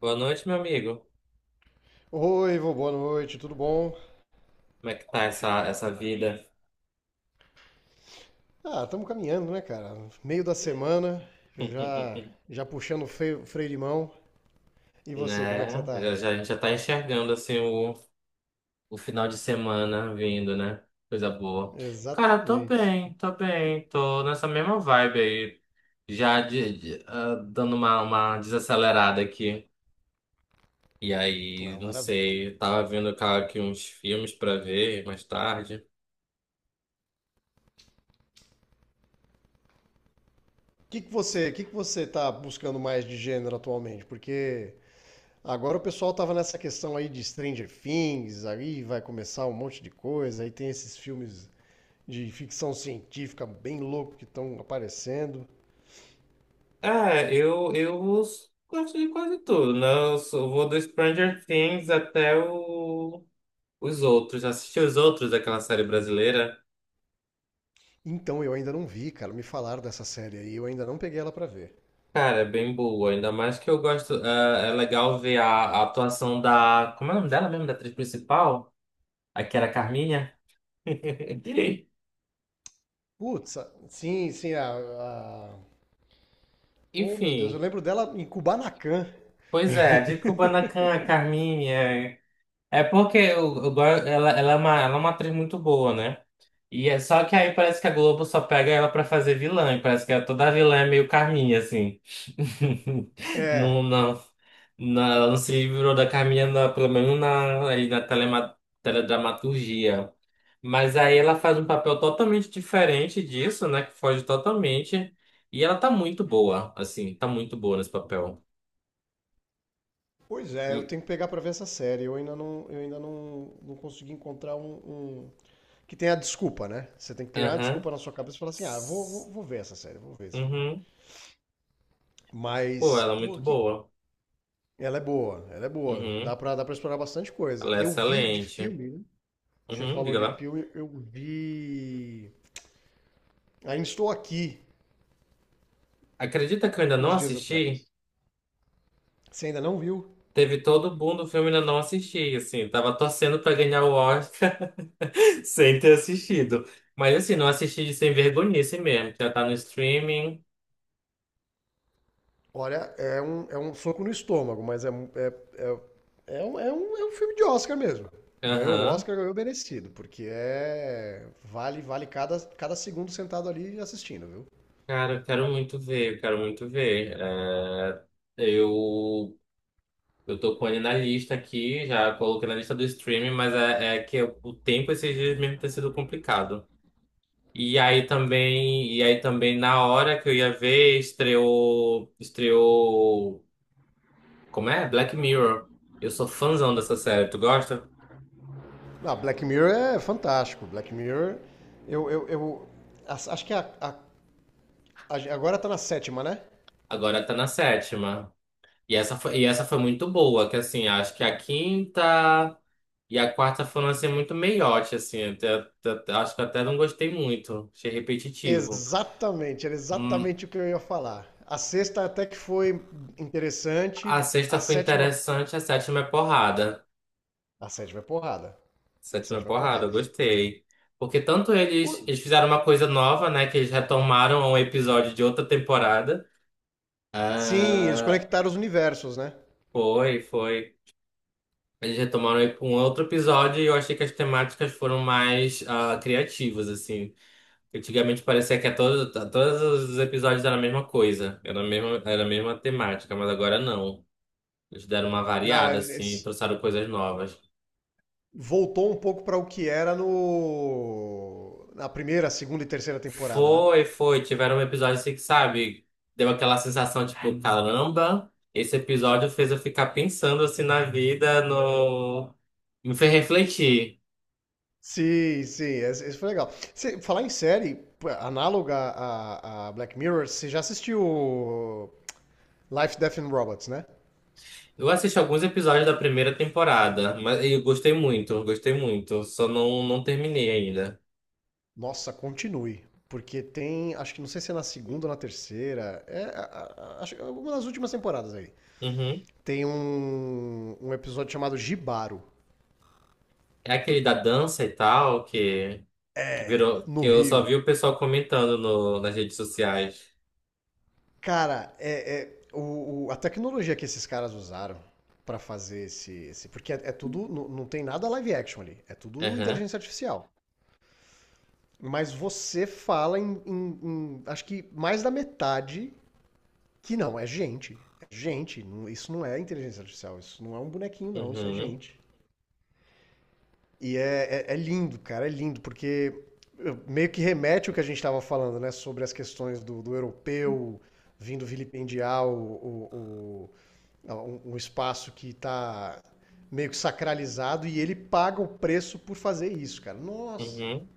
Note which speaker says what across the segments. Speaker 1: Boa noite, meu amigo.
Speaker 2: Oi, vô, boa noite, tudo bom?
Speaker 1: Como é que tá essa vida?
Speaker 2: Ah, estamos caminhando, né, cara? Meio da semana, já já puxando o freio, freio de mão. E você, como é que você
Speaker 1: Né?
Speaker 2: tá?
Speaker 1: A gente já tá enxergando assim o final de semana vindo, né? Coisa boa. Cara, tô
Speaker 2: Exatamente.
Speaker 1: bem, tô bem, tô nessa mesma vibe aí, já dando uma desacelerada aqui. E aí,
Speaker 2: Ah,
Speaker 1: não
Speaker 2: maravilha.
Speaker 1: sei, tava vendo cara, aqui uns filmes pra ver mais tarde.
Speaker 2: O que que você tá buscando mais de gênero atualmente? Porque agora o pessoal tava nessa questão aí de Stranger Things, aí vai começar um monte de coisa, aí tem esses filmes de ficção científica bem louco que estão aparecendo.
Speaker 1: É, eu gosto de quase tudo, né? Vou do Stranger Things até o. Os outros, assisti os outros daquela série brasileira.
Speaker 2: Então eu ainda não vi, cara. Me falaram dessa série aí, eu ainda não peguei ela pra ver.
Speaker 1: Cara, é bem boa, ainda mais que eu gosto. É, é legal ver a atuação da. Como é o nome dela mesmo? Da atriz principal? A que era a Carminha?
Speaker 2: Putz, sim, sim. A- Oh, meu Deus, eu
Speaker 1: Enfim,
Speaker 2: lembro dela em Kubanacan.
Speaker 1: pois é, de Kubanacan, a Carminha. É porque eu, go- ela, ela é uma atriz muito boa, né? E é só que aí parece que a Globo só pega ela pra fazer vilã, e parece que toda vilã é meio Carminha, assim. Não,
Speaker 2: É,
Speaker 1: não, não, ela não se livrou da Carminha, pelo menos na, aí na teledramaturgia. Mas aí ela faz um papel totalmente diferente disso, né? Que foge totalmente. E ela tá muito boa, assim, tá muito boa nesse papel.
Speaker 2: pois é, eu
Speaker 1: Hum.
Speaker 2: tenho que pegar pra ver essa série. Eu ainda não consegui encontrar um que tenha a desculpa, né? Você tem que criar uma
Speaker 1: Aham.
Speaker 2: desculpa na sua cabeça e falar assim: ah, vou ver essa série, vou ver esse filme.
Speaker 1: Uhum. Pô,
Speaker 2: Mas,
Speaker 1: ela é
Speaker 2: pô,
Speaker 1: muito boa.
Speaker 2: ela é boa, ela é boa.
Speaker 1: Uhum.
Speaker 2: Dá pra explorar bastante coisa.
Speaker 1: Ela é
Speaker 2: Eu vi de
Speaker 1: excelente.
Speaker 2: filme, né? Você
Speaker 1: Uhum,
Speaker 2: falou
Speaker 1: diga
Speaker 2: de
Speaker 1: lá.
Speaker 2: filme, eu vi. Ainda estou aqui
Speaker 1: Acredita que eu ainda não
Speaker 2: uns dias
Speaker 1: assisti?
Speaker 2: atrás. Você ainda não viu?
Speaker 1: Teve todo o boom do filme e ainda não assisti, assim. Tava torcendo pra ganhar o Oscar sem ter assistido. Mas, assim, não assisti de sem vergonhice mesmo. Já tá no streaming.
Speaker 2: Olha, é um soco no estômago, mas é um filme de Oscar mesmo. Ganhou o
Speaker 1: Aham.
Speaker 2: Oscar, ganhou merecido, porque é. Vale, vale cada, cada segundo sentado ali assistindo, viu?
Speaker 1: Cara, eu quero muito ver, eu quero muito ver. É, eu, eu tô com ele na lista aqui, já coloquei na lista do streaming, mas é, é que o tempo esses dias mesmo tem sido complicado. E aí também na hora que eu ia ver, estreou, como é? Black Mirror. Eu sou fãzão dessa série, tu gosta?
Speaker 2: Ah, Black Mirror é fantástico. Black Mirror, eu. Eu as- acho que a- Agora tá na sétima, né?
Speaker 1: Agora tá na sétima. E essa foi muito boa, que assim, acho que a quinta e a quarta foram assim muito meiote, assim, até, acho que até não gostei muito, achei repetitivo.
Speaker 2: Exatamente, era
Speaker 1: Hum,
Speaker 2: exatamente o que eu ia falar. A sexta até que foi
Speaker 1: a
Speaker 2: interessante, a
Speaker 1: sexta foi
Speaker 2: sétima.
Speaker 1: interessante, a sétima é porrada.
Speaker 2: A sétima é porrada. A
Speaker 1: Sétima
Speaker 2: sétima é
Speaker 1: porrada,
Speaker 2: porrada.
Speaker 1: eu gostei. Porque tanto eles,
Speaker 2: O-
Speaker 1: eles fizeram uma coisa nova, né? Que eles retomaram um episódio de outra temporada.
Speaker 2: Sim, eles
Speaker 1: Ah,
Speaker 2: conectaram os universos, né?
Speaker 1: foi, foi. Eles retomaram um outro episódio e eu achei que as temáticas foram mais ah, criativas, assim. Antigamente parecia que a todo- a todos, os episódios eram a mesma coisa, era a mesma temática, mas agora não. Eles deram uma
Speaker 2: Não,
Speaker 1: variada,
Speaker 2: eles,
Speaker 1: assim, e
Speaker 2: eles
Speaker 1: trouxeram coisas novas.
Speaker 2: voltou um pouco para o que era no na primeira, segunda e terceira temporada, né?
Speaker 1: Foi, foi. Tiveram episódios assim que, sabe, deu aquela sensação, tipo, caramba, esse episódio fez eu ficar pensando assim na vida, no... me fez refletir.
Speaker 2: Sim, sim, esse foi legal. Você, falar em série pô, análoga a Black Mirror, você já assistiu Life, Death and Robots, né?
Speaker 1: Eu assisti alguns episódios da primeira temporada, mas eu gostei muito, gostei muito. Só não terminei ainda.
Speaker 2: Nossa, continue. Porque tem, acho que não sei se é na segunda ou na terceira, acho que é uma das últimas temporadas aí.
Speaker 1: Uhum.
Speaker 2: Tem um episódio chamado Gibaro,
Speaker 1: É aquele da dança e tal, que virou, que
Speaker 2: no
Speaker 1: eu só
Speaker 2: Rio.
Speaker 1: vi o pessoal comentando no, nas redes sociais.
Speaker 2: Cara, a tecnologia que esses caras usaram pra fazer porque é, é tudo, não, não tem nada live action ali, é tudo
Speaker 1: Aham.
Speaker 2: inteligência artificial. Mas você fala acho que mais da metade que não é gente, é gente. Isso não é inteligência artificial, isso não é um bonequinho não, isso é
Speaker 1: Uhum.
Speaker 2: gente. E é lindo, cara, é lindo porque meio que remete o que a gente estava falando, né, sobre as questões do, do europeu vindo vilipendiar É um espaço que está meio que sacralizado e ele paga o preço por fazer isso, cara. Nossa!
Speaker 1: Uhum.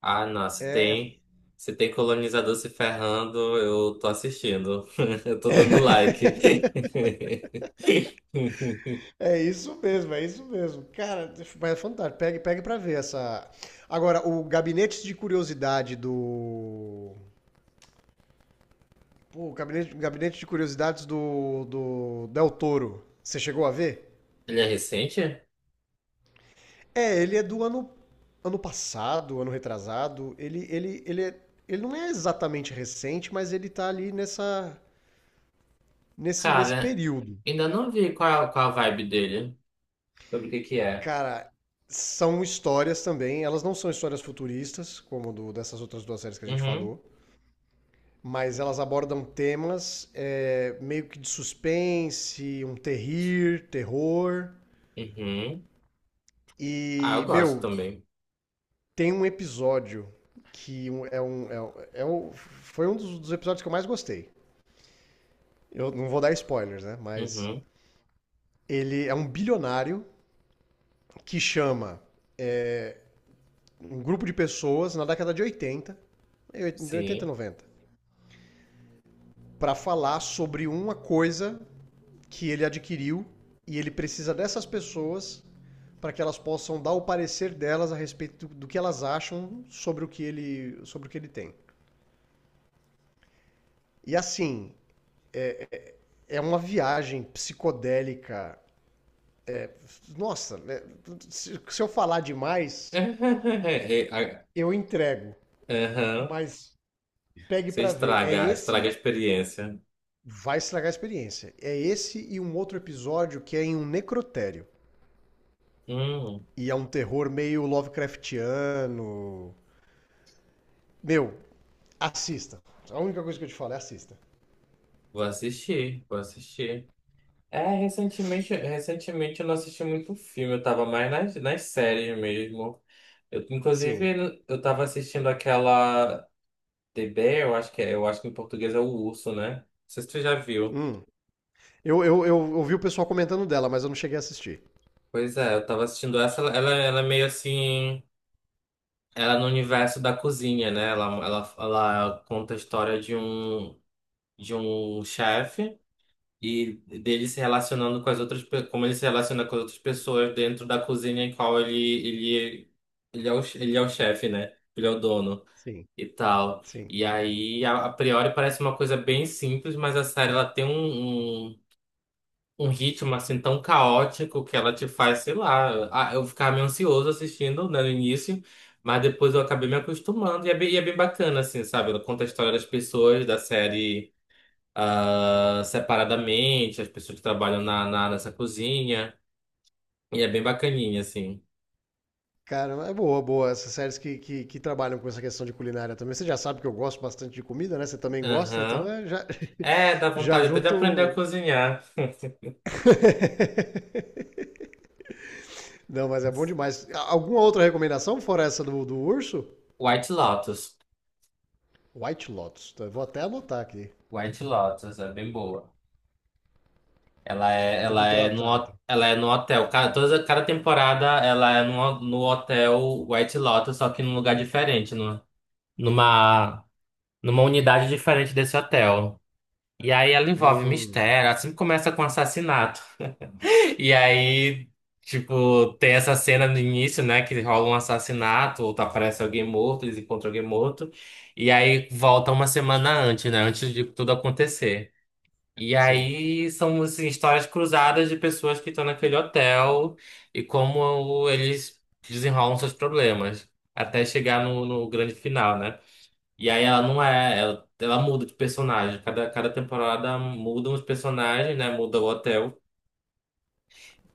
Speaker 1: Ah, nossa, tem. Se tem colonizador se ferrando, eu tô assistindo. Eu tô dando like.
Speaker 2: É isso mesmo, é isso mesmo. Cara, mas é fantástico. Pegue pra ver essa. Agora, o gabinete de curiosidade do. Pô, o gabinete de curiosidades do, do Del Toro. Você chegou a ver?
Speaker 1: Ele é recente?
Speaker 2: É, ele é do ano, ano passado, ano retrasado. Ele não é exatamente recente, mas ele tá ali nessa, nesse
Speaker 1: Cara,
Speaker 2: período.
Speaker 1: ainda não vi qual a vibe dele. Sobre o que que é.
Speaker 2: Cara, são histórias também. Elas não são histórias futuristas, como dessas outras duas séries que a gente
Speaker 1: Uhum,
Speaker 2: falou, mas elas abordam temas é, meio que de suspense, um terror.
Speaker 1: uhum. Ah, eu
Speaker 2: E,
Speaker 1: gosto
Speaker 2: meu,
Speaker 1: também.
Speaker 2: tem um episódio que foi um dos, dos episódios que eu mais gostei. Eu não vou dar spoilers, né? Mas
Speaker 1: Uhum,
Speaker 2: ele é um bilionário que chama um grupo de pessoas na década de 80, 80
Speaker 1: sim.
Speaker 2: 90. Para falar sobre uma coisa que ele adquiriu e ele precisa dessas pessoas para que elas possam dar o parecer delas a respeito do que elas acham sobre o que ele, sobre o que ele tem. E assim, é uma viagem psicodélica. Nossa, né? se eu falar demais, eu entrego,
Speaker 1: Uhum.
Speaker 2: mas pegue
Speaker 1: Você
Speaker 2: pra ver. É
Speaker 1: estraga
Speaker 2: esse
Speaker 1: a experiência.
Speaker 2: vai estragar a experiência. É esse e um outro episódio que é em um necrotério.
Speaker 1: Hum,
Speaker 2: E é um terror meio Lovecraftiano. Meu, assista. A única coisa que eu te falo é assista.
Speaker 1: vou assistir, vou assistir. É, recentemente eu não assisti muito filme, eu tava mais nas séries mesmo. Eu,
Speaker 2: Sim.
Speaker 1: inclusive, eu tava assistindo aquela The Bear, eu acho que é, eu acho que em português é o urso, né? Não sei se tu já viu.
Speaker 2: Hum. Eu ouvi o pessoal comentando dela, mas eu não cheguei a assistir.
Speaker 1: Pois é, eu tava assistindo essa, ela é meio assim, ela é no universo da cozinha, né? Ela conta a história de um chefe. E dele se relacionando com como ele se relaciona com as outras pessoas dentro da cozinha em qual ele ele é ele é o chefe, né? Ele é o dono
Speaker 2: Sim,
Speaker 1: e tal.
Speaker 2: sim.
Speaker 1: E aí a priori parece uma coisa bem simples, mas a série ela tem um ritmo assim tão caótico que ela te faz, sei lá, ah, eu ficava meio ansioso assistindo, né, no início. Mas depois eu acabei me acostumando e e é bem bacana, assim, sabe? Ela conta a história das pessoas, da série ah, separadamente, as pessoas que trabalham na nessa cozinha. E é bem bacaninha, assim.
Speaker 2: Cara, é boa, boa. Essas séries que trabalham com essa questão de culinária também. Você já sabe que eu gosto bastante de comida, né? Você também gosta, então
Speaker 1: Aham.
Speaker 2: é, já,
Speaker 1: É, dá
Speaker 2: já
Speaker 1: vontade até de aprender a
Speaker 2: junto.
Speaker 1: cozinhar.
Speaker 2: Não, mas é bom demais. Alguma outra recomendação, fora essa do, do urso?
Speaker 1: White Lotus.
Speaker 2: White Lotus. Tá? Eu vou até anotar aqui
Speaker 1: White Lotus é bem boa.
Speaker 2: do
Speaker 1: Ela
Speaker 2: que
Speaker 1: é
Speaker 2: ela trata.
Speaker 1: ela é no hotel. Cada temporada ela é no hotel White Lotus, só que num lugar diferente, no, numa, numa unidade diferente desse hotel. E aí ela envolve
Speaker 2: Hum,
Speaker 1: mistério, assim começa com assassinato. E aí, tipo, tem essa cena no início, né, que rola um assassinato, ou aparece alguém morto, eles encontram alguém morto, e aí volta uma semana antes, né, antes de tudo acontecer. E
Speaker 2: sim.
Speaker 1: aí são, assim, histórias cruzadas de pessoas que estão naquele hotel e como eles desenrolam seus problemas, até chegar no grande final, né? E aí ela não é, ela muda de personagem, cada temporada mudam os personagens, né, muda o hotel.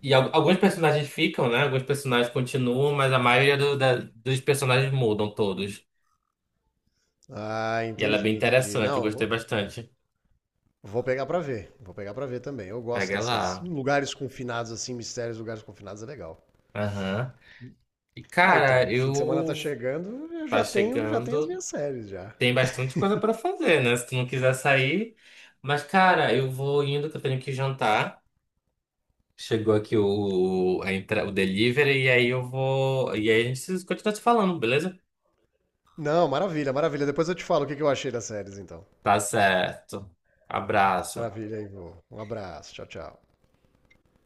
Speaker 1: E alguns personagens ficam, né? Alguns personagens continuam, mas a maioria dos personagens mudam todos.
Speaker 2: Ah,
Speaker 1: E ela é
Speaker 2: entendi,
Speaker 1: bem
Speaker 2: entendi.
Speaker 1: interessante, eu
Speaker 2: Não,
Speaker 1: gostei
Speaker 2: vou,
Speaker 1: bastante.
Speaker 2: vou pegar pra ver. Vou pegar pra ver também. Eu gosto
Speaker 1: Pega
Speaker 2: dessas
Speaker 1: lá.
Speaker 2: lugares confinados assim, mistérios, lugares confinados é legal.
Speaker 1: Aham. E
Speaker 2: Ah,
Speaker 1: cara,
Speaker 2: então, fim de semana tá
Speaker 1: eu
Speaker 2: chegando,
Speaker 1: tá
Speaker 2: já tenho as
Speaker 1: chegando,
Speaker 2: minhas séries já.
Speaker 1: tem bastante coisa pra fazer, né? Se tu não quiser sair. Mas cara, eu vou indo que eu tenho que jantar. Chegou aqui o delivery e aí eu vou, e aí a gente continua se falando, beleza?
Speaker 2: Não, maravilha, maravilha. Depois eu te falo o que que eu achei das séries então.
Speaker 1: Tá certo. Abraço.
Speaker 2: Maravilha, Ivo. Um abraço. Tchau, tchau.